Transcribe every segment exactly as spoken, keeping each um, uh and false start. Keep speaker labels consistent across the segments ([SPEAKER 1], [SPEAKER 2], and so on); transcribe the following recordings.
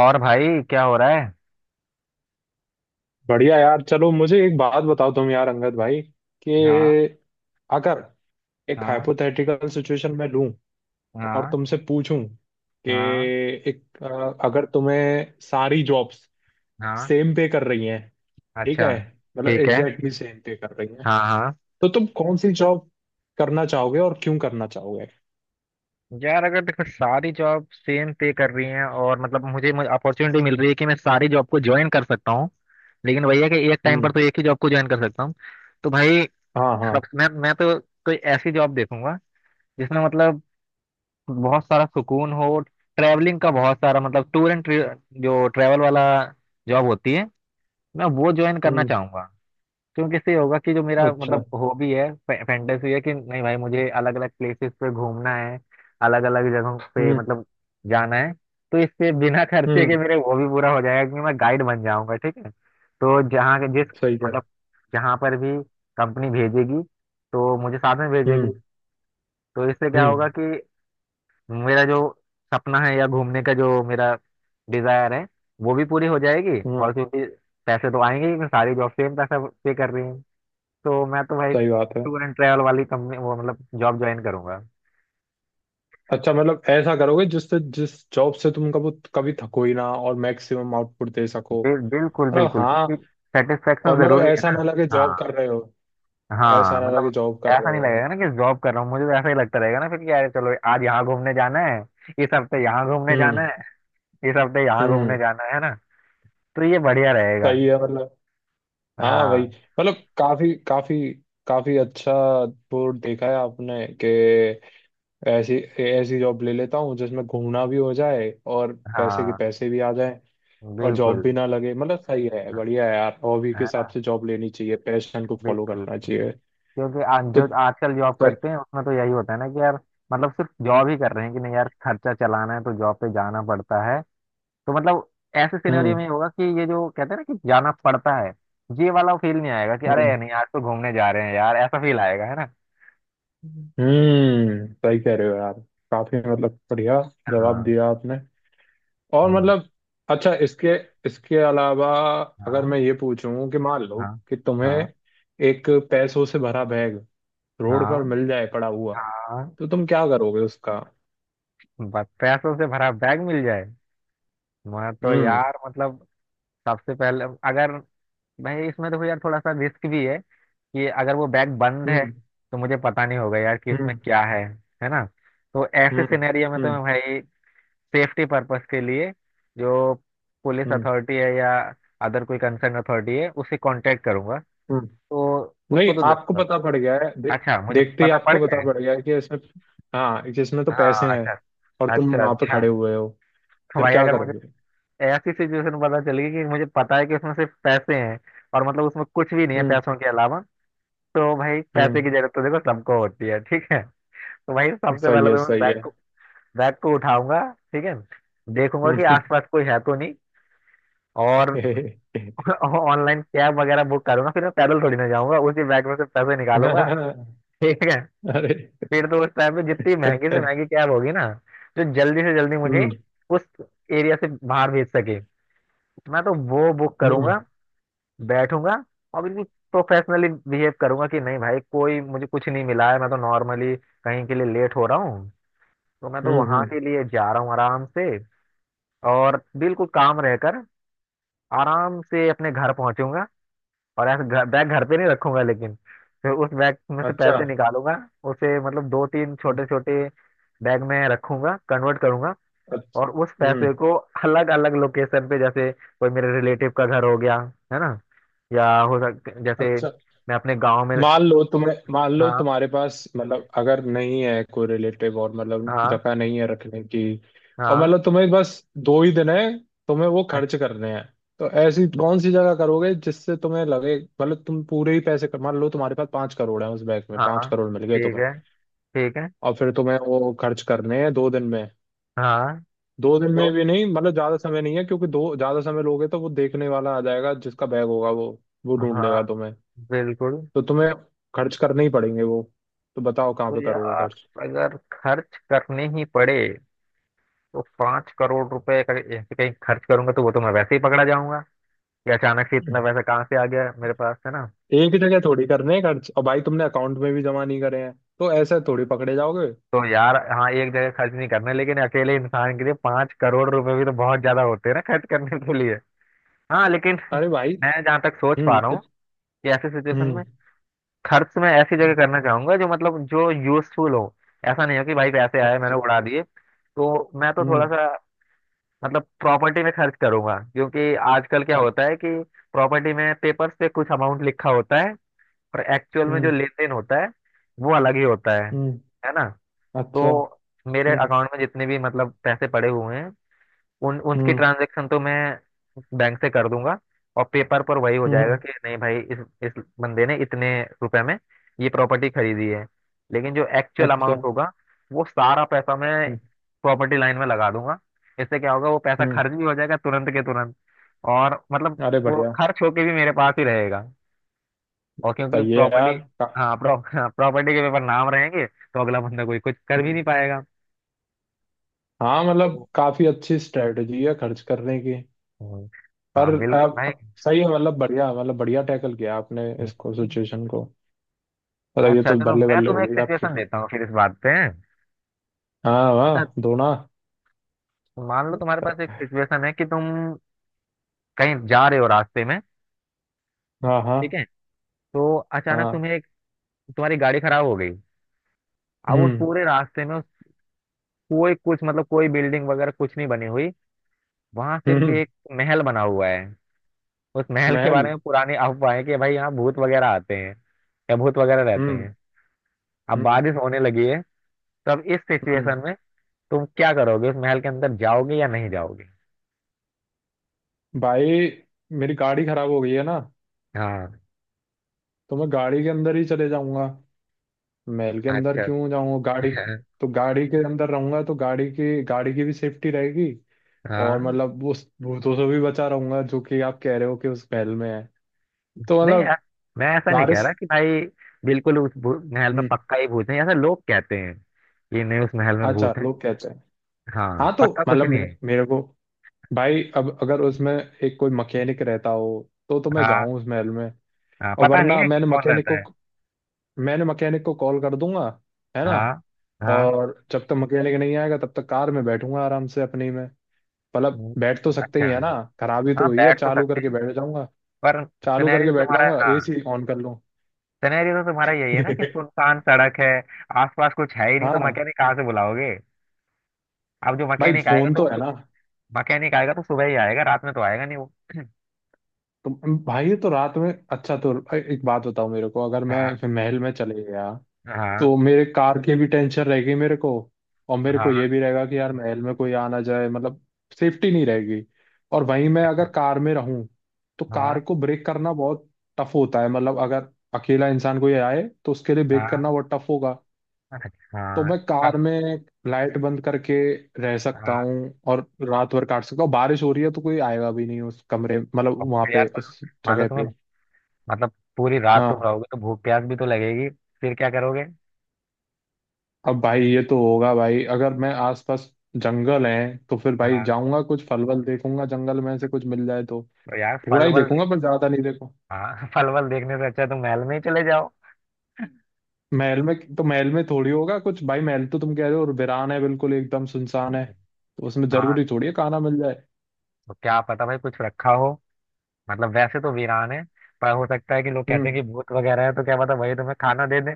[SPEAKER 1] और भाई क्या हो रहा है?
[SPEAKER 2] बढ़िया यार, चलो मुझे एक बात बताओ तुम, यार अंगद भाई,
[SPEAKER 1] हाँ।
[SPEAKER 2] कि अगर एक
[SPEAKER 1] हाँ।
[SPEAKER 2] हाइपोथेटिकल सिचुएशन में लूं और
[SPEAKER 1] हाँ।
[SPEAKER 2] तुमसे पूछूं कि
[SPEAKER 1] हाँ।
[SPEAKER 2] एक अ, अगर तुम्हें सारी जॉब्स
[SPEAKER 1] हाँ।
[SPEAKER 2] सेम पे कर रही हैं, ठीक
[SPEAKER 1] अच्छा,
[SPEAKER 2] है, मतलब
[SPEAKER 1] ठीक है।
[SPEAKER 2] एग्जैक्टली सेम पे कर रही हैं,
[SPEAKER 1] हाँ हाँ।
[SPEAKER 2] तो तुम कौन सी जॉब करना चाहोगे और क्यों करना चाहोगे।
[SPEAKER 1] यार अगर देखो सारी जॉब सेम पे कर रही हैं, और मतलब मुझे मुझे अपॉर्चुनिटी मिल रही है कि मैं सारी जॉब को ज्वाइन कर सकता हूँ। लेकिन वही है कि एक टाइम पर
[SPEAKER 2] हम्म।
[SPEAKER 1] तो एक ही जॉब को ज्वाइन कर सकता हूँ। तो भाई
[SPEAKER 2] हाँ हाँ।
[SPEAKER 1] सब मैं मैं तो कोई ऐसी जॉब देखूंगा जिसमें मतलब बहुत सारा सुकून हो, ट्रैवलिंग का बहुत सारा, मतलब टूर एंड, जो ट्रैवल वाला जॉब होती है, मैं वो ज्वाइन करना
[SPEAKER 2] हम्म।
[SPEAKER 1] चाहूंगा। क्योंकि इससे ये होगा कि जो मेरा
[SPEAKER 2] अच्छा।
[SPEAKER 1] मतलब हॉबी है, फैंटेसी है कि नहीं भाई मुझे अलग अलग प्लेसेस पे घूमना है, अलग अलग जगहों पे
[SPEAKER 2] हम्म।
[SPEAKER 1] मतलब जाना है। तो इससे बिना खर्चे के
[SPEAKER 2] हम्म।
[SPEAKER 1] मेरे वो भी पूरा हो जाएगा कि मैं गाइड बन जाऊंगा, ठीक है। तो जहाँ के- जिस
[SPEAKER 2] सही है।
[SPEAKER 1] मतलब जहाँ पर भी कंपनी भेजेगी तो मुझे साथ में
[SPEAKER 2] हम्म।
[SPEAKER 1] भेजेगी। तो इससे क्या होगा
[SPEAKER 2] हम्म।
[SPEAKER 1] कि मेरा जो सपना है या घूमने का जो मेरा डिजायर है, वो भी पूरी हो जाएगी। और
[SPEAKER 2] हम्म।
[SPEAKER 1] क्योंकि पैसे तो आएंगे ही, मैं सारी जॉब सेम पैसा पे कर रही हूँ। तो मैं तो भाई
[SPEAKER 2] सही बात है।
[SPEAKER 1] टूर एंड ट्रैवल वाली कंपनी वो मतलब जॉब ज्वाइन करूंगा।
[SPEAKER 2] अच्छा, मतलब ऐसा करोगे जिससे जिस जॉब से तुम कभी कभी थको ही ना और मैक्सिमम आउटपुट दे सको।
[SPEAKER 1] बिल, बिल्कुल
[SPEAKER 2] मतलब
[SPEAKER 1] बिल्कुल,
[SPEAKER 2] हाँ।
[SPEAKER 1] क्योंकि सेटिस्फेक्शन
[SPEAKER 2] और मतलब
[SPEAKER 1] जरूरी है
[SPEAKER 2] ऐसा
[SPEAKER 1] ना।
[SPEAKER 2] ना लगे जॉब
[SPEAKER 1] हाँ।
[SPEAKER 2] कर रहे हो। ऐसा
[SPEAKER 1] हाँ
[SPEAKER 2] ना
[SPEAKER 1] मतलब
[SPEAKER 2] लगे जॉब कर
[SPEAKER 1] ऐसा
[SPEAKER 2] रहे
[SPEAKER 1] नहीं
[SPEAKER 2] हो।
[SPEAKER 1] लगेगा ना कि जॉब कर रहा हूँ, मुझे तो ऐसा ही लगता रहेगा ना फिर कि यार चलो आज यहाँ घूमने जाना है, इस हफ्ते यहाँ घूमने
[SPEAKER 2] हम्म।
[SPEAKER 1] जाना है, इस हफ्ते यहाँ
[SPEAKER 2] हम्म।
[SPEAKER 1] घूमने जाना है ना। तो ये बढ़िया रहेगा।
[SPEAKER 2] सही है मतलब। हाँ वही,
[SPEAKER 1] हाँ।
[SPEAKER 2] मतलब काफी काफी काफी अच्छा बोर्ड देखा है आपने कि ऐसी ऐसी जॉब ले लेता हूँ जिसमें घूमना भी हो जाए और पैसे के
[SPEAKER 1] हाँ
[SPEAKER 2] पैसे भी आ जाए और जॉब
[SPEAKER 1] बिल्कुल।
[SPEAKER 2] भी ना लगे। मतलब सही है,
[SPEAKER 1] हाँ,
[SPEAKER 2] बढ़िया है यार। हॉबी के
[SPEAKER 1] है
[SPEAKER 2] हिसाब
[SPEAKER 1] ना,
[SPEAKER 2] से जॉब लेनी चाहिए, पैशन को फॉलो
[SPEAKER 1] बिल्कुल।
[SPEAKER 2] करना चाहिए।
[SPEAKER 1] क्योंकि आ,
[SPEAKER 2] तो
[SPEAKER 1] जो आजकल जॉब करते
[SPEAKER 2] सही।
[SPEAKER 1] हैं उसमें तो यही होता है ना कि यार मतलब सिर्फ जॉब ही कर रहे हैं, कि नहीं यार खर्चा चलाना है तो जॉब पे जाना पड़ता है। तो मतलब ऐसे सिनेरियो
[SPEAKER 2] हम्म।
[SPEAKER 1] में ये होगा कि ये जो कहते हैं ना कि जाना पड़ता है, ये वाला फील नहीं आएगा कि अरे
[SPEAKER 2] हम्म।
[SPEAKER 1] नहीं आज तो घूमने जा रहे हैं यार, ऐसा फील आएगा, है ना। हम्म।
[SPEAKER 2] हम्म। सही कह रहे हो यार। काफी मतलब बढ़िया जवाब
[SPEAKER 1] हाँ।
[SPEAKER 2] दिया आपने। और
[SPEAKER 1] हम्म,
[SPEAKER 2] मतलब अच्छा, इसके इसके अलावा अगर
[SPEAKER 1] हाँ।
[SPEAKER 2] मैं ये पूछूं कि मान लो
[SPEAKER 1] हाँ।
[SPEAKER 2] कि तुम्हें
[SPEAKER 1] हाँ।
[SPEAKER 2] एक पैसों से भरा बैग रोड
[SPEAKER 1] हाँ।
[SPEAKER 2] पर मिल जाए पड़ा हुआ,
[SPEAKER 1] हाँ।
[SPEAKER 2] तो तुम क्या करोगे उसका।
[SPEAKER 1] बस पैसों से भरा बैग मिल जाए। मैं तो
[SPEAKER 2] हम्म।
[SPEAKER 1] यार मतलब सबसे पहले, अगर भाई इसमें देखो यार थोड़ा सा रिस्क भी है कि अगर वो बैग बंद है
[SPEAKER 2] हम्म।
[SPEAKER 1] तो मुझे पता नहीं होगा यार कि इसमें
[SPEAKER 2] हम्म।
[SPEAKER 1] क्या है है ना। तो ऐसे
[SPEAKER 2] हम्म।
[SPEAKER 1] सिनेरियो में तो
[SPEAKER 2] हम्म।
[SPEAKER 1] मैं भाई सेफ्टी पर्पस के लिए जो पुलिस
[SPEAKER 2] हम्म।
[SPEAKER 1] अथॉरिटी है या अदर कोई कंसर्न अथॉरिटी है उससे कांटेक्ट करूंगा।
[SPEAKER 2] हम्म।
[SPEAKER 1] तो
[SPEAKER 2] नहीं,
[SPEAKER 1] उसको तो दे
[SPEAKER 2] आपको
[SPEAKER 1] दूंगा।
[SPEAKER 2] पता पड़ गया है, दे,
[SPEAKER 1] अच्छा, मुझे
[SPEAKER 2] देखते ही
[SPEAKER 1] पता पड़
[SPEAKER 2] आपको
[SPEAKER 1] गया
[SPEAKER 2] पता
[SPEAKER 1] है।
[SPEAKER 2] पड़ गया है कि इसमें, हाँ, कि इसमें तो
[SPEAKER 1] हाँ।
[SPEAKER 2] पैसे हैं
[SPEAKER 1] अच्छा
[SPEAKER 2] और तुम
[SPEAKER 1] अच्छा।
[SPEAKER 2] वहां पे
[SPEAKER 1] अच्छा
[SPEAKER 2] खड़े हुए हो।
[SPEAKER 1] तो
[SPEAKER 2] फिर
[SPEAKER 1] भाई
[SPEAKER 2] क्या
[SPEAKER 1] अगर मुझे
[SPEAKER 2] करोगे।
[SPEAKER 1] ऐसी सिचुएशन पता चली कि मुझे पता है कि उसमें सिर्फ पैसे हैं और मतलब उसमें कुछ भी नहीं है
[SPEAKER 2] हम्म।
[SPEAKER 1] पैसों के अलावा, तो भाई पैसे की
[SPEAKER 2] हम्म।
[SPEAKER 1] जरूरत तो देखो सबको होती है, ठीक है। तो भाई सबसे
[SPEAKER 2] सही
[SPEAKER 1] पहले
[SPEAKER 2] है,
[SPEAKER 1] तो मैं
[SPEAKER 2] सही
[SPEAKER 1] बैग
[SPEAKER 2] है।
[SPEAKER 1] को बैग को उठाऊंगा, ठीक है। देखूंगा कि
[SPEAKER 2] हम्म।
[SPEAKER 1] आसपास कोई है तो नहीं। और ऑनलाइन कैब वगैरह बुक करूंगा, फिर मैं पैदल थोड़ी ना जाऊंगा, उसी बैग में से पैसे निकालूंगा, ठीक है।
[SPEAKER 2] अरे।
[SPEAKER 1] फिर तो उस टाइम पे जितनी महंगी से
[SPEAKER 2] हम्म।
[SPEAKER 1] महंगी कैब होगी ना, जो जल्दी से जल्दी मुझे उस एरिया से बाहर भेज सके, मैं तो वो बुक
[SPEAKER 2] हम्म।
[SPEAKER 1] करूंगा, बैठूंगा, और बिल्कुल प्रोफेशनली बिहेव करूंगा कि नहीं भाई कोई मुझे कुछ नहीं मिला है, मैं तो नॉर्मली कहीं के लिए लेट हो रहा हूँ तो मैं तो
[SPEAKER 2] हम्म।
[SPEAKER 1] वहां
[SPEAKER 2] हम्म।
[SPEAKER 1] के लिए जा रहा हूँ आराम से। और बिल्कुल काम रहकर आराम से अपने घर पहुंचूंगा, और ऐसे घर, बैग घर पे नहीं रखूंगा लेकिन फिर उस बैग में से
[SPEAKER 2] अच्छा।
[SPEAKER 1] पैसे निकालूंगा। उसे मतलब दो तीन
[SPEAKER 2] हम्म।
[SPEAKER 1] छोटे छोटे बैग में रखूंगा, कन्वर्ट करूंगा।
[SPEAKER 2] अच्छा।
[SPEAKER 1] और उस
[SPEAKER 2] हम्म।
[SPEAKER 1] पैसे को अलग अलग लोकेशन पे, जैसे कोई मेरे रिलेटिव का घर हो गया, है ना, या हो सकता जैसे
[SPEAKER 2] अच्छा।
[SPEAKER 1] मैं अपने गांव में।
[SPEAKER 2] मान लो तुम्हें, मान लो
[SPEAKER 1] हाँ।
[SPEAKER 2] तुम्हारे पास, मतलब अगर नहीं है कोई रिलेटिव और मतलब
[SPEAKER 1] हाँ।
[SPEAKER 2] जगह नहीं है रखने की, और
[SPEAKER 1] हाँ।
[SPEAKER 2] मतलब तुम्हें बस दो ही दिन है, तुम्हें वो खर्च करने हैं, तो ऐसी कौन सी जगह करोगे जिससे तुम्हें लगे, मतलब तुम पूरे ही पैसे कर, मान लो तुम्हारे पास पांच करोड़ है, उस बैंक में
[SPEAKER 1] अच्छा,
[SPEAKER 2] पांच
[SPEAKER 1] हाँ,
[SPEAKER 2] करोड़ मिल गए
[SPEAKER 1] ठीक
[SPEAKER 2] तुम्हें,
[SPEAKER 1] है, ठीक है।
[SPEAKER 2] और फिर तुम्हें वो खर्च करने हैं दो दिन में,
[SPEAKER 1] हाँ।
[SPEAKER 2] दो दिन
[SPEAKER 1] तो
[SPEAKER 2] में भी नहीं मतलब, ज्यादा समय नहीं है क्योंकि दो ज्यादा समय लोगे तो वो देखने वाला आ जाएगा, जिसका बैग होगा वो वो ढूंढ
[SPEAKER 1] हाँ
[SPEAKER 2] लेगा तुम्हें।
[SPEAKER 1] बिल्कुल।
[SPEAKER 2] तो तुम्हें खर्च करने ही पड़ेंगे वो। तो बताओ कहाँ
[SPEAKER 1] तो
[SPEAKER 2] पे करोगे
[SPEAKER 1] यार
[SPEAKER 2] खर्च।
[SPEAKER 1] अगर खर्च करने ही पड़े तो पाँच करोड़ रुपए का ऐसे कहीं खर्च करूंगा तो वो तो मैं वैसे ही पकड़ा जाऊंगा कि अचानक से इतना पैसा कहाँ से आ गया मेरे पास, है ना।
[SPEAKER 2] एक ही जगह थोड़ी करने हैं खर्च, और भाई तुमने अकाउंट में भी जमा नहीं करे हैं तो ऐसे थोड़ी पकड़े जाओगे।
[SPEAKER 1] तो यार हाँ एक जगह खर्च नहीं करना, लेकिन अकेले इंसान के लिए पाँच करोड़ रुपए भी तो बहुत ज्यादा होते हैं ना खर्च करने के लिए। हाँ लेकिन
[SPEAKER 2] अरे भाई।
[SPEAKER 1] मैं जहाँ तक सोच पा
[SPEAKER 2] हम्म।
[SPEAKER 1] रहा हूँ
[SPEAKER 2] इत-
[SPEAKER 1] कि ऐसे सिचुएशन में
[SPEAKER 2] हम्म।
[SPEAKER 1] खर्च मैं ऐसी जगह
[SPEAKER 2] हम्म,
[SPEAKER 1] करना चाहूंगा जो मतलब जो यूजफुल हो। ऐसा नहीं हो कि भाई पैसे आए मैंने
[SPEAKER 2] अच्छा।
[SPEAKER 1] उड़ा दिए। तो मैं तो थोड़ा
[SPEAKER 2] हम्म।
[SPEAKER 1] सा मतलब प्रॉपर्टी में खर्च करूंगा, क्योंकि आजकल क्या
[SPEAKER 2] अच्छा।
[SPEAKER 1] होता है कि प्रॉपर्टी में पेपर्स पे कुछ अमाउंट लिखा होता है और एक्चुअल में जो
[SPEAKER 2] हम्म।
[SPEAKER 1] लेन देन होता है वो अलग ही होता है
[SPEAKER 2] हम्म।
[SPEAKER 1] है ना।
[SPEAKER 2] अच्छा।
[SPEAKER 1] तो मेरे
[SPEAKER 2] हम्म।
[SPEAKER 1] अकाउंट में जितने भी मतलब पैसे पड़े हुए हैं उन उनकी
[SPEAKER 2] हम्म।
[SPEAKER 1] ट्रांजेक्शन तो मैं बैंक से कर दूंगा, और पेपर पर वही हो जाएगा
[SPEAKER 2] हम्म।
[SPEAKER 1] कि नहीं भाई इस इस बंदे ने इतने रुपए में ये प्रॉपर्टी खरीदी है। लेकिन जो एक्चुअल
[SPEAKER 2] अच्छा।
[SPEAKER 1] अमाउंट होगा वो सारा पैसा मैं
[SPEAKER 2] हम्म।
[SPEAKER 1] प्रॉपर्टी लाइन में लगा दूंगा। इससे क्या होगा, वो पैसा
[SPEAKER 2] हम्म।
[SPEAKER 1] खर्च भी हो जाएगा तुरंत के तुरंत, और मतलब
[SPEAKER 2] अरे
[SPEAKER 1] वो
[SPEAKER 2] बढ़िया।
[SPEAKER 1] खर्च होके भी मेरे पास ही रहेगा। और क्योंकि
[SPEAKER 2] सही है यार।
[SPEAKER 1] प्रॉपर्टी,
[SPEAKER 2] का,
[SPEAKER 1] हाँ प्रॉ, प्रॉपर्टी के पेपर नाम रहेंगे तो अगला बंदा कोई कुछ कर भी
[SPEAKER 2] हम्म,
[SPEAKER 1] नहीं पाएगा।
[SPEAKER 2] हाँ
[SPEAKER 1] तो
[SPEAKER 2] मतलब काफी अच्छी स्ट्रेटजी है खर्च करने की।
[SPEAKER 1] हम्म,
[SPEAKER 2] पर
[SPEAKER 1] हाँ बिल्कुल
[SPEAKER 2] आप
[SPEAKER 1] भाई।
[SPEAKER 2] आप- सही है, मतलब बढ़िया, मतलब बढ़िया टैकल किया आपने इसको, सिचुएशन को। मतलब ये
[SPEAKER 1] अच्छा
[SPEAKER 2] तो
[SPEAKER 1] चलो
[SPEAKER 2] बल्ले
[SPEAKER 1] मैं
[SPEAKER 2] बल्ले हो
[SPEAKER 1] तुम्हें एक
[SPEAKER 2] गई आपकी
[SPEAKER 1] सिचुएशन
[SPEAKER 2] फिर।
[SPEAKER 1] देता हूँ फिर इस बात पे।
[SPEAKER 2] हाँ वाह
[SPEAKER 1] अच्छा,
[SPEAKER 2] दोना।
[SPEAKER 1] मान लो तुम्हारे पास एक सिचुएशन है कि तुम कहीं जा रहे हो रास्ते में,
[SPEAKER 2] हाँ हाँ
[SPEAKER 1] ठीक है। तो अचानक
[SPEAKER 2] हाँ।
[SPEAKER 1] तुम्हें एक तुम्हारी गाड़ी खराब हो गई। अब उस
[SPEAKER 2] हम्म।
[SPEAKER 1] पूरे रास्ते में उस- कोई कुछ मतलब कोई बिल्डिंग वगैरह कुछ नहीं बनी हुई, वहां
[SPEAKER 2] हम्म।
[SPEAKER 1] सिर्फ
[SPEAKER 2] हम्म।
[SPEAKER 1] एक महल बना हुआ है। उस महल के
[SPEAKER 2] महल।
[SPEAKER 1] बारे में पुरानी अफवाह है कि भाई यहाँ भूत वगैरह आते हैं या भूत वगैरह रहते
[SPEAKER 2] हम्म।
[SPEAKER 1] हैं। अब
[SPEAKER 2] हम्म।
[SPEAKER 1] बारिश होने लगी है। तब इस
[SPEAKER 2] हम्म।
[SPEAKER 1] सिचुएशन में तुम क्या करोगे, उस महल के अंदर जाओगे या नहीं जाओगे?
[SPEAKER 2] भाई, मेरी गाड़ी खराब हो गई है ना,
[SPEAKER 1] हाँ।
[SPEAKER 2] तो मैं गाड़ी के अंदर ही चले जाऊंगा। महल के अंदर
[SPEAKER 1] अच्छा।
[SPEAKER 2] क्यों जाऊंगा। गाड़ी, तो गाड़ी के अंदर रहूंगा तो गाड़ी की गाड़ी की भी सेफ्टी रहेगी। और
[SPEAKER 1] हाँ।
[SPEAKER 2] मतलब उस भूतों से भी बचा रहूंगा जो कि आप कह रहे हो कि उस महल में है। तो
[SPEAKER 1] नहीं यार,
[SPEAKER 2] मतलब
[SPEAKER 1] मैं ऐसा नहीं कह
[SPEAKER 2] वारिस।
[SPEAKER 1] रहा कि भाई बिल्कुल उस भू- महल में
[SPEAKER 2] हम्म,
[SPEAKER 1] पक्का ही भूत है, ऐसा लोग कहते हैं कि नहीं उस महल में
[SPEAKER 2] अच्छा
[SPEAKER 1] भूत है।
[SPEAKER 2] लोग कहते हैं।
[SPEAKER 1] हाँ
[SPEAKER 2] हाँ तो
[SPEAKER 1] पक्का कुछ
[SPEAKER 2] मतलब
[SPEAKER 1] नहीं
[SPEAKER 2] मे,
[SPEAKER 1] है।
[SPEAKER 2] मेरे को, भाई, अब अगर उसमें एक कोई मैकेनिक रहता हो तो तो मैं
[SPEAKER 1] हाँ।
[SPEAKER 2] जाऊं उस महल में।
[SPEAKER 1] हाँ
[SPEAKER 2] और
[SPEAKER 1] पता नहीं
[SPEAKER 2] वरना
[SPEAKER 1] है कि
[SPEAKER 2] मैंने
[SPEAKER 1] कौन
[SPEAKER 2] मैकेनिक
[SPEAKER 1] रहता
[SPEAKER 2] को
[SPEAKER 1] है।
[SPEAKER 2] मैंने मैकेनिक को कॉल कर दूंगा, है ना।
[SPEAKER 1] हाँ। हाँ।
[SPEAKER 2] और जब तक मैकेनिक नहीं आएगा तब तक कार में बैठूंगा आराम से अपनी में। मतलब
[SPEAKER 1] हम्म,
[SPEAKER 2] बैठ तो सकते
[SPEAKER 1] अच्छा।
[SPEAKER 2] ही है ना। खराबी तो
[SPEAKER 1] हाँ
[SPEAKER 2] हुई है,
[SPEAKER 1] बैठ तो
[SPEAKER 2] चालू
[SPEAKER 1] सकते
[SPEAKER 2] करके
[SPEAKER 1] हैं,
[SPEAKER 2] बैठ जाऊंगा।
[SPEAKER 1] पर
[SPEAKER 2] चालू
[SPEAKER 1] सिनेरियो
[SPEAKER 2] करके बैठ
[SPEAKER 1] तुम्हारा,
[SPEAKER 2] जाऊंगा,
[SPEAKER 1] हाँ,
[SPEAKER 2] एसी ऑन कर लूं।
[SPEAKER 1] सिनेरियो तो तुम्हारा यही है ना कि सुनसान सड़क है, आसपास कुछ है ही नहीं, तो
[SPEAKER 2] हाँ
[SPEAKER 1] मैकेनिक कहाँ से बुलाओगे? अब जो
[SPEAKER 2] भाई
[SPEAKER 1] मैकेनिक आएगा
[SPEAKER 2] फोन
[SPEAKER 1] तो
[SPEAKER 2] तो
[SPEAKER 1] वो
[SPEAKER 2] है
[SPEAKER 1] सु-
[SPEAKER 2] ना।
[SPEAKER 1] मैकेनिक आएगा तो सुबह ही आएगा, रात में तो आएगा नहीं वो।
[SPEAKER 2] तो भाई, तो रात में, अच्छा तो एक बात बताओ मेरे को, अगर
[SPEAKER 1] हाँ।
[SPEAKER 2] मैं महल में चले गया
[SPEAKER 1] हाँ।
[SPEAKER 2] तो मेरे कार की भी टेंशन रहेगी मेरे को। और मेरे को
[SPEAKER 1] हाँ।
[SPEAKER 2] ये भी रहेगा कि यार महल में कोई आ ना जाए, मतलब सेफ्टी नहीं रहेगी। और वहीं मैं
[SPEAKER 1] अच्छा।
[SPEAKER 2] अगर कार में रहूं तो कार
[SPEAKER 1] हाँ।
[SPEAKER 2] को ब्रेक करना बहुत टफ होता है, मतलब अगर अकेला इंसान कोई आए तो उसके लिए ब्रेक
[SPEAKER 1] हाँ।
[SPEAKER 2] करना बहुत टफ होगा।
[SPEAKER 1] अच्छा।
[SPEAKER 2] तो मैं
[SPEAKER 1] का-
[SPEAKER 2] कार में लाइट बंद करके रह सकता
[SPEAKER 1] हाँ
[SPEAKER 2] हूँ और रात भर काट सकता हूँ। बारिश हो रही है तो कोई आएगा भी नहीं उस कमरे, मतलब
[SPEAKER 1] और
[SPEAKER 2] वहां
[SPEAKER 1] फिर यार,
[SPEAKER 2] पे
[SPEAKER 1] पर
[SPEAKER 2] उस
[SPEAKER 1] मान लो
[SPEAKER 2] जगह
[SPEAKER 1] तुम्हें
[SPEAKER 2] पे।
[SPEAKER 1] मतलब पूरी रात तुम
[SPEAKER 2] हाँ
[SPEAKER 1] रहोगे तो भूख प्यास भी तो लगेगी, फिर क्या करोगे?
[SPEAKER 2] अब भाई ये तो होगा, भाई अगर मैं आसपास जंगल है तो फिर भाई
[SPEAKER 1] हाँ।
[SPEAKER 2] जाऊंगा कुछ फल वल देखूंगा, जंगल में से कुछ मिल जाए तो।
[SPEAKER 1] तो यार
[SPEAKER 2] थोड़ा
[SPEAKER 1] फल
[SPEAKER 2] ही
[SPEAKER 1] वल
[SPEAKER 2] देखूंगा
[SPEAKER 1] देख-
[SPEAKER 2] पर ज्यादा नहीं देखूंगा।
[SPEAKER 1] हाँ फल वल देखने से अच्छा तुम महल में ही चले जाओ।
[SPEAKER 2] महल में तो, महल में थोड़ी होगा कुछ भाई, महल तो तुम कह रहे हो और वीरान है, बिल्कुल एकदम सुनसान है, तो उसमें
[SPEAKER 1] हाँ।
[SPEAKER 2] जरूरी थोड़ी है खाना मिल जाए।
[SPEAKER 1] तो क्या पता भाई कुछ रखा हो, मतलब वैसे तो वीरान है, पर हो सकता है कि लोग कहते हैं
[SPEAKER 2] हम्म।
[SPEAKER 1] कि भूत वगैरह है, तो क्या पता वही तुम्हें खाना दे दें।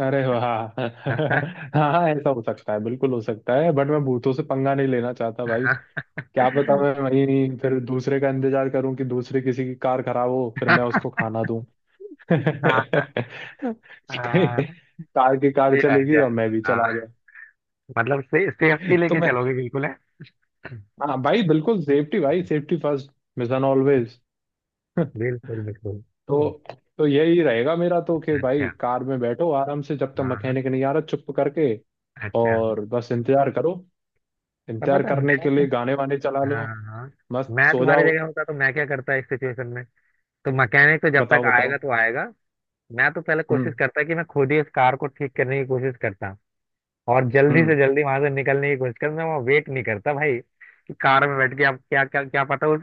[SPEAKER 2] अरे वाह, हाँ ऐसा हो सकता है, बिल्कुल हो सकता है, बट मैं भूतों से पंगा नहीं लेना चाहता भाई। क्या पता मैं वहीं फिर दूसरे का इंतजार करूं कि दूसरे किसी की कार खराब हो फिर मैं उसको खाना दूं,
[SPEAKER 1] हाँ।
[SPEAKER 2] कार
[SPEAKER 1] हाँ।
[SPEAKER 2] की कार
[SPEAKER 1] यार
[SPEAKER 2] चलेगी और
[SPEAKER 1] यार
[SPEAKER 2] मैं भी चला
[SPEAKER 1] हाँ,
[SPEAKER 2] गया।
[SPEAKER 1] मतलब से, सेफ्टी
[SPEAKER 2] तो
[SPEAKER 1] लेके
[SPEAKER 2] मैं,
[SPEAKER 1] चलोगे बिल्कुल है।
[SPEAKER 2] हाँ भाई बिल्कुल सेफ्टी, भाई सेफ्टी फर्स्ट मिशन ऑलवेज।
[SPEAKER 1] बिल्कुल बिल्कुल।
[SPEAKER 2] तो तो यही रहेगा मेरा तो कि भाई
[SPEAKER 1] अच्छा।
[SPEAKER 2] कार में बैठो आराम से जब तक
[SPEAKER 1] हाँ हाँ।
[SPEAKER 2] मैकेनिक नहीं आ रहा, चुप करके,
[SPEAKER 1] अच्छा।
[SPEAKER 2] और बस इंतजार करो।
[SPEAKER 1] पर
[SPEAKER 2] इंतजार
[SPEAKER 1] पता है,
[SPEAKER 2] करने के
[SPEAKER 1] मैं,
[SPEAKER 2] लिए गाने वाने चला लो,
[SPEAKER 1] हाँ हाँ,
[SPEAKER 2] मस्त
[SPEAKER 1] मैं
[SPEAKER 2] सो
[SPEAKER 1] तुम्हारी
[SPEAKER 2] जाओ।
[SPEAKER 1] जगह होता तो मैं क्या करता इस सिचुएशन में। तो मैकेनिक तो जब तक
[SPEAKER 2] बताओ, बताओ।
[SPEAKER 1] आएगा तो आएगा, मैं तो पहले
[SPEAKER 2] हम्म।
[SPEAKER 1] कोशिश करता कि मैं खुद ही इस कार को ठीक करने की कोशिश करता, और जल्दी
[SPEAKER 2] हम्म।
[SPEAKER 1] से जल्दी वहां से निकलने की कोशिश करता। मैं वहाँ वेट नहीं करता भाई कि कार में बैठ के आप क्या, क्या क्या पता उस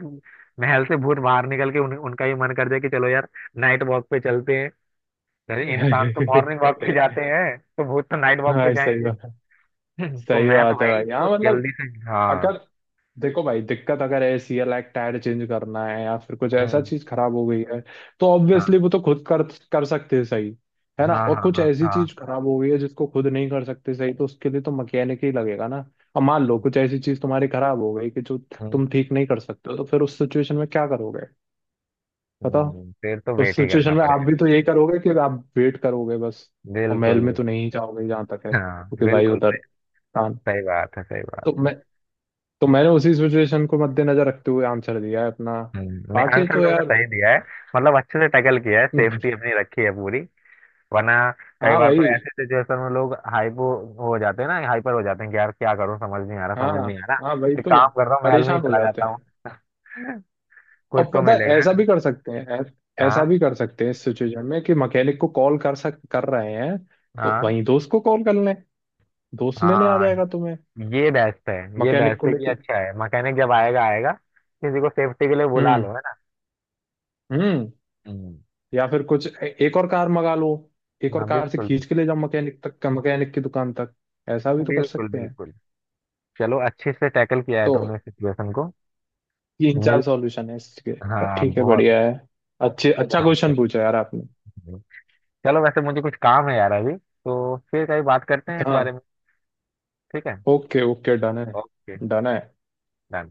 [SPEAKER 1] महल से भूत बाहर निकल के उन, उनका ही मन कर जाए कि चलो यार नाइट वॉक पे चलते हैं। अरे इंसान तो मॉर्निंग वॉक पे जाते हैं तो भूत तो नाइट वॉक पे
[SPEAKER 2] भाई सही
[SPEAKER 1] जाएंगे।
[SPEAKER 2] बात है,
[SPEAKER 1] तो
[SPEAKER 2] सही
[SPEAKER 1] मैं तो
[SPEAKER 2] बात है
[SPEAKER 1] भाई
[SPEAKER 2] भाई।
[SPEAKER 1] इसको
[SPEAKER 2] हाँ मतलब
[SPEAKER 1] जल्दी से, हाँ।
[SPEAKER 2] अगर, देखो भाई, दिक्कत अगर ऐसी है लाइक टायर चेंज करना है या फिर कुछ ऐसा
[SPEAKER 1] हम्म।
[SPEAKER 2] चीज खराब हो गई है तो ऑब्वियसली वो तो खुद कर कर सकते हैं, सही है ना।
[SPEAKER 1] हाँ।
[SPEAKER 2] और
[SPEAKER 1] हाँ।
[SPEAKER 2] कुछ
[SPEAKER 1] हाँ।
[SPEAKER 2] ऐसी
[SPEAKER 1] हाँ।
[SPEAKER 2] चीज खराब हो गई है जिसको खुद नहीं कर सकते सही, तो उसके लिए तो मैकेनिक ही लगेगा ना। और मान लो कुछ ऐसी चीज तुम्हारी खराब हो गई कि जो
[SPEAKER 1] हम्म,
[SPEAKER 2] तुम ठीक नहीं कर सकते हो तो फिर उस सिचुएशन में क्या करोगे।
[SPEAKER 1] हम्म,
[SPEAKER 2] बताओ।
[SPEAKER 1] हम्म। फिर तो
[SPEAKER 2] उस
[SPEAKER 1] वेट ही करना
[SPEAKER 2] सिचुएशन में आप
[SPEAKER 1] पड़ेगा।
[SPEAKER 2] भी तो यही करोगे कि आप वेट करोगे बस, और
[SPEAKER 1] बिल्कुल
[SPEAKER 2] महल में
[SPEAKER 1] भी।
[SPEAKER 2] तो नहीं जाओगे जहां तक है,
[SPEAKER 1] हाँ
[SPEAKER 2] क्योंकि भाई
[SPEAKER 1] बिल्कुल।
[SPEAKER 2] उधर कान,
[SPEAKER 1] सही बात है सही
[SPEAKER 2] तो
[SPEAKER 1] बात है।
[SPEAKER 2] मैं तो मैंने उसी सिचुएशन को मद्देनजर रखते हुए आंसर दिया है अपना।
[SPEAKER 1] हम्म, नहीं
[SPEAKER 2] बाकी
[SPEAKER 1] आंसर
[SPEAKER 2] तो
[SPEAKER 1] तुमने
[SPEAKER 2] यार।
[SPEAKER 1] सही दिया है, मतलब अच्छे से टैकल किया है, सेफ्टी अपनी रखी है पूरी। वरना कई
[SPEAKER 2] हाँ
[SPEAKER 1] बार तो
[SPEAKER 2] भाई।
[SPEAKER 1] ऐसे सिचुएशन में लोग हाइपो हो जाते हैं ना, हाइपर हो जाते हैं कि यार क्या करूं, समझ नहीं आ रहा, समझ
[SPEAKER 2] हाँ
[SPEAKER 1] नहीं आ रहा,
[SPEAKER 2] हाँ भाई
[SPEAKER 1] एक
[SPEAKER 2] तो
[SPEAKER 1] काम कर रहा हूँ महल में ही
[SPEAKER 2] परेशान हो
[SPEAKER 1] चला
[SPEAKER 2] जाते
[SPEAKER 1] जाता
[SPEAKER 2] हैं।
[SPEAKER 1] हूँ, कुछ
[SPEAKER 2] और
[SPEAKER 1] तो
[SPEAKER 2] पता है
[SPEAKER 1] मिलेगा, है
[SPEAKER 2] ऐसा भी
[SPEAKER 1] ना?
[SPEAKER 2] कर सकते हैं, ऐ- ऐसा
[SPEAKER 1] हाँ।
[SPEAKER 2] भी कर सकते हैं इस सिचुएशन में कि मैकेनिक को कॉल कर सक कर रहे हैं, तो
[SPEAKER 1] हाँ।
[SPEAKER 2] वहीं दोस्त को कॉल कर लें, दोस्त लेने आ
[SPEAKER 1] हाँ।
[SPEAKER 2] जाएगा तुम्हें,
[SPEAKER 1] ये बेस्ट है, ये
[SPEAKER 2] मैकेनिक को
[SPEAKER 1] बेस्ट है कि
[SPEAKER 2] लेके।
[SPEAKER 1] अच्छा है, मैकेनिक जब आएगा आएगा, किसी को सेफ्टी के लिए बुला लो,
[SPEAKER 2] हम्म।
[SPEAKER 1] है ना।
[SPEAKER 2] हम्म।
[SPEAKER 1] हम्म।
[SPEAKER 2] या फिर कुछ ए- एक और कार मंगा लो, एक और
[SPEAKER 1] हाँ
[SPEAKER 2] कार से
[SPEAKER 1] बिल्कुल
[SPEAKER 2] खींच
[SPEAKER 1] बिल्कुल।
[SPEAKER 2] के ले जाओ मैकेनिक तक, मैकेनिक की दुकान तक। ऐसा भी तो कर
[SPEAKER 1] बिल्कुल
[SPEAKER 2] सकते हैं।
[SPEAKER 1] बिल्कुल। चलो अच्छे से टैकल किया है
[SPEAKER 2] तो
[SPEAKER 1] तुमने सिचुएशन को।
[SPEAKER 2] तीन
[SPEAKER 1] मिल,
[SPEAKER 2] चार सॉल्यूशन है इसके,
[SPEAKER 1] हाँ
[SPEAKER 2] ठीक है
[SPEAKER 1] बहुत।
[SPEAKER 2] बढ़िया है। अच्छे अच्छा
[SPEAKER 1] हाँ, अच्छा,
[SPEAKER 2] क्वेश्चन पूछा यार आपने।
[SPEAKER 1] चलो, चलो, वैसे मुझे कुछ काम है यार अभी, तो फिर कहीं बात करते हैं इस
[SPEAKER 2] हाँ
[SPEAKER 1] बारे में, ठीक है।
[SPEAKER 2] ओके, ओके, डन है,
[SPEAKER 1] ओके
[SPEAKER 2] डन है।
[SPEAKER 1] डन।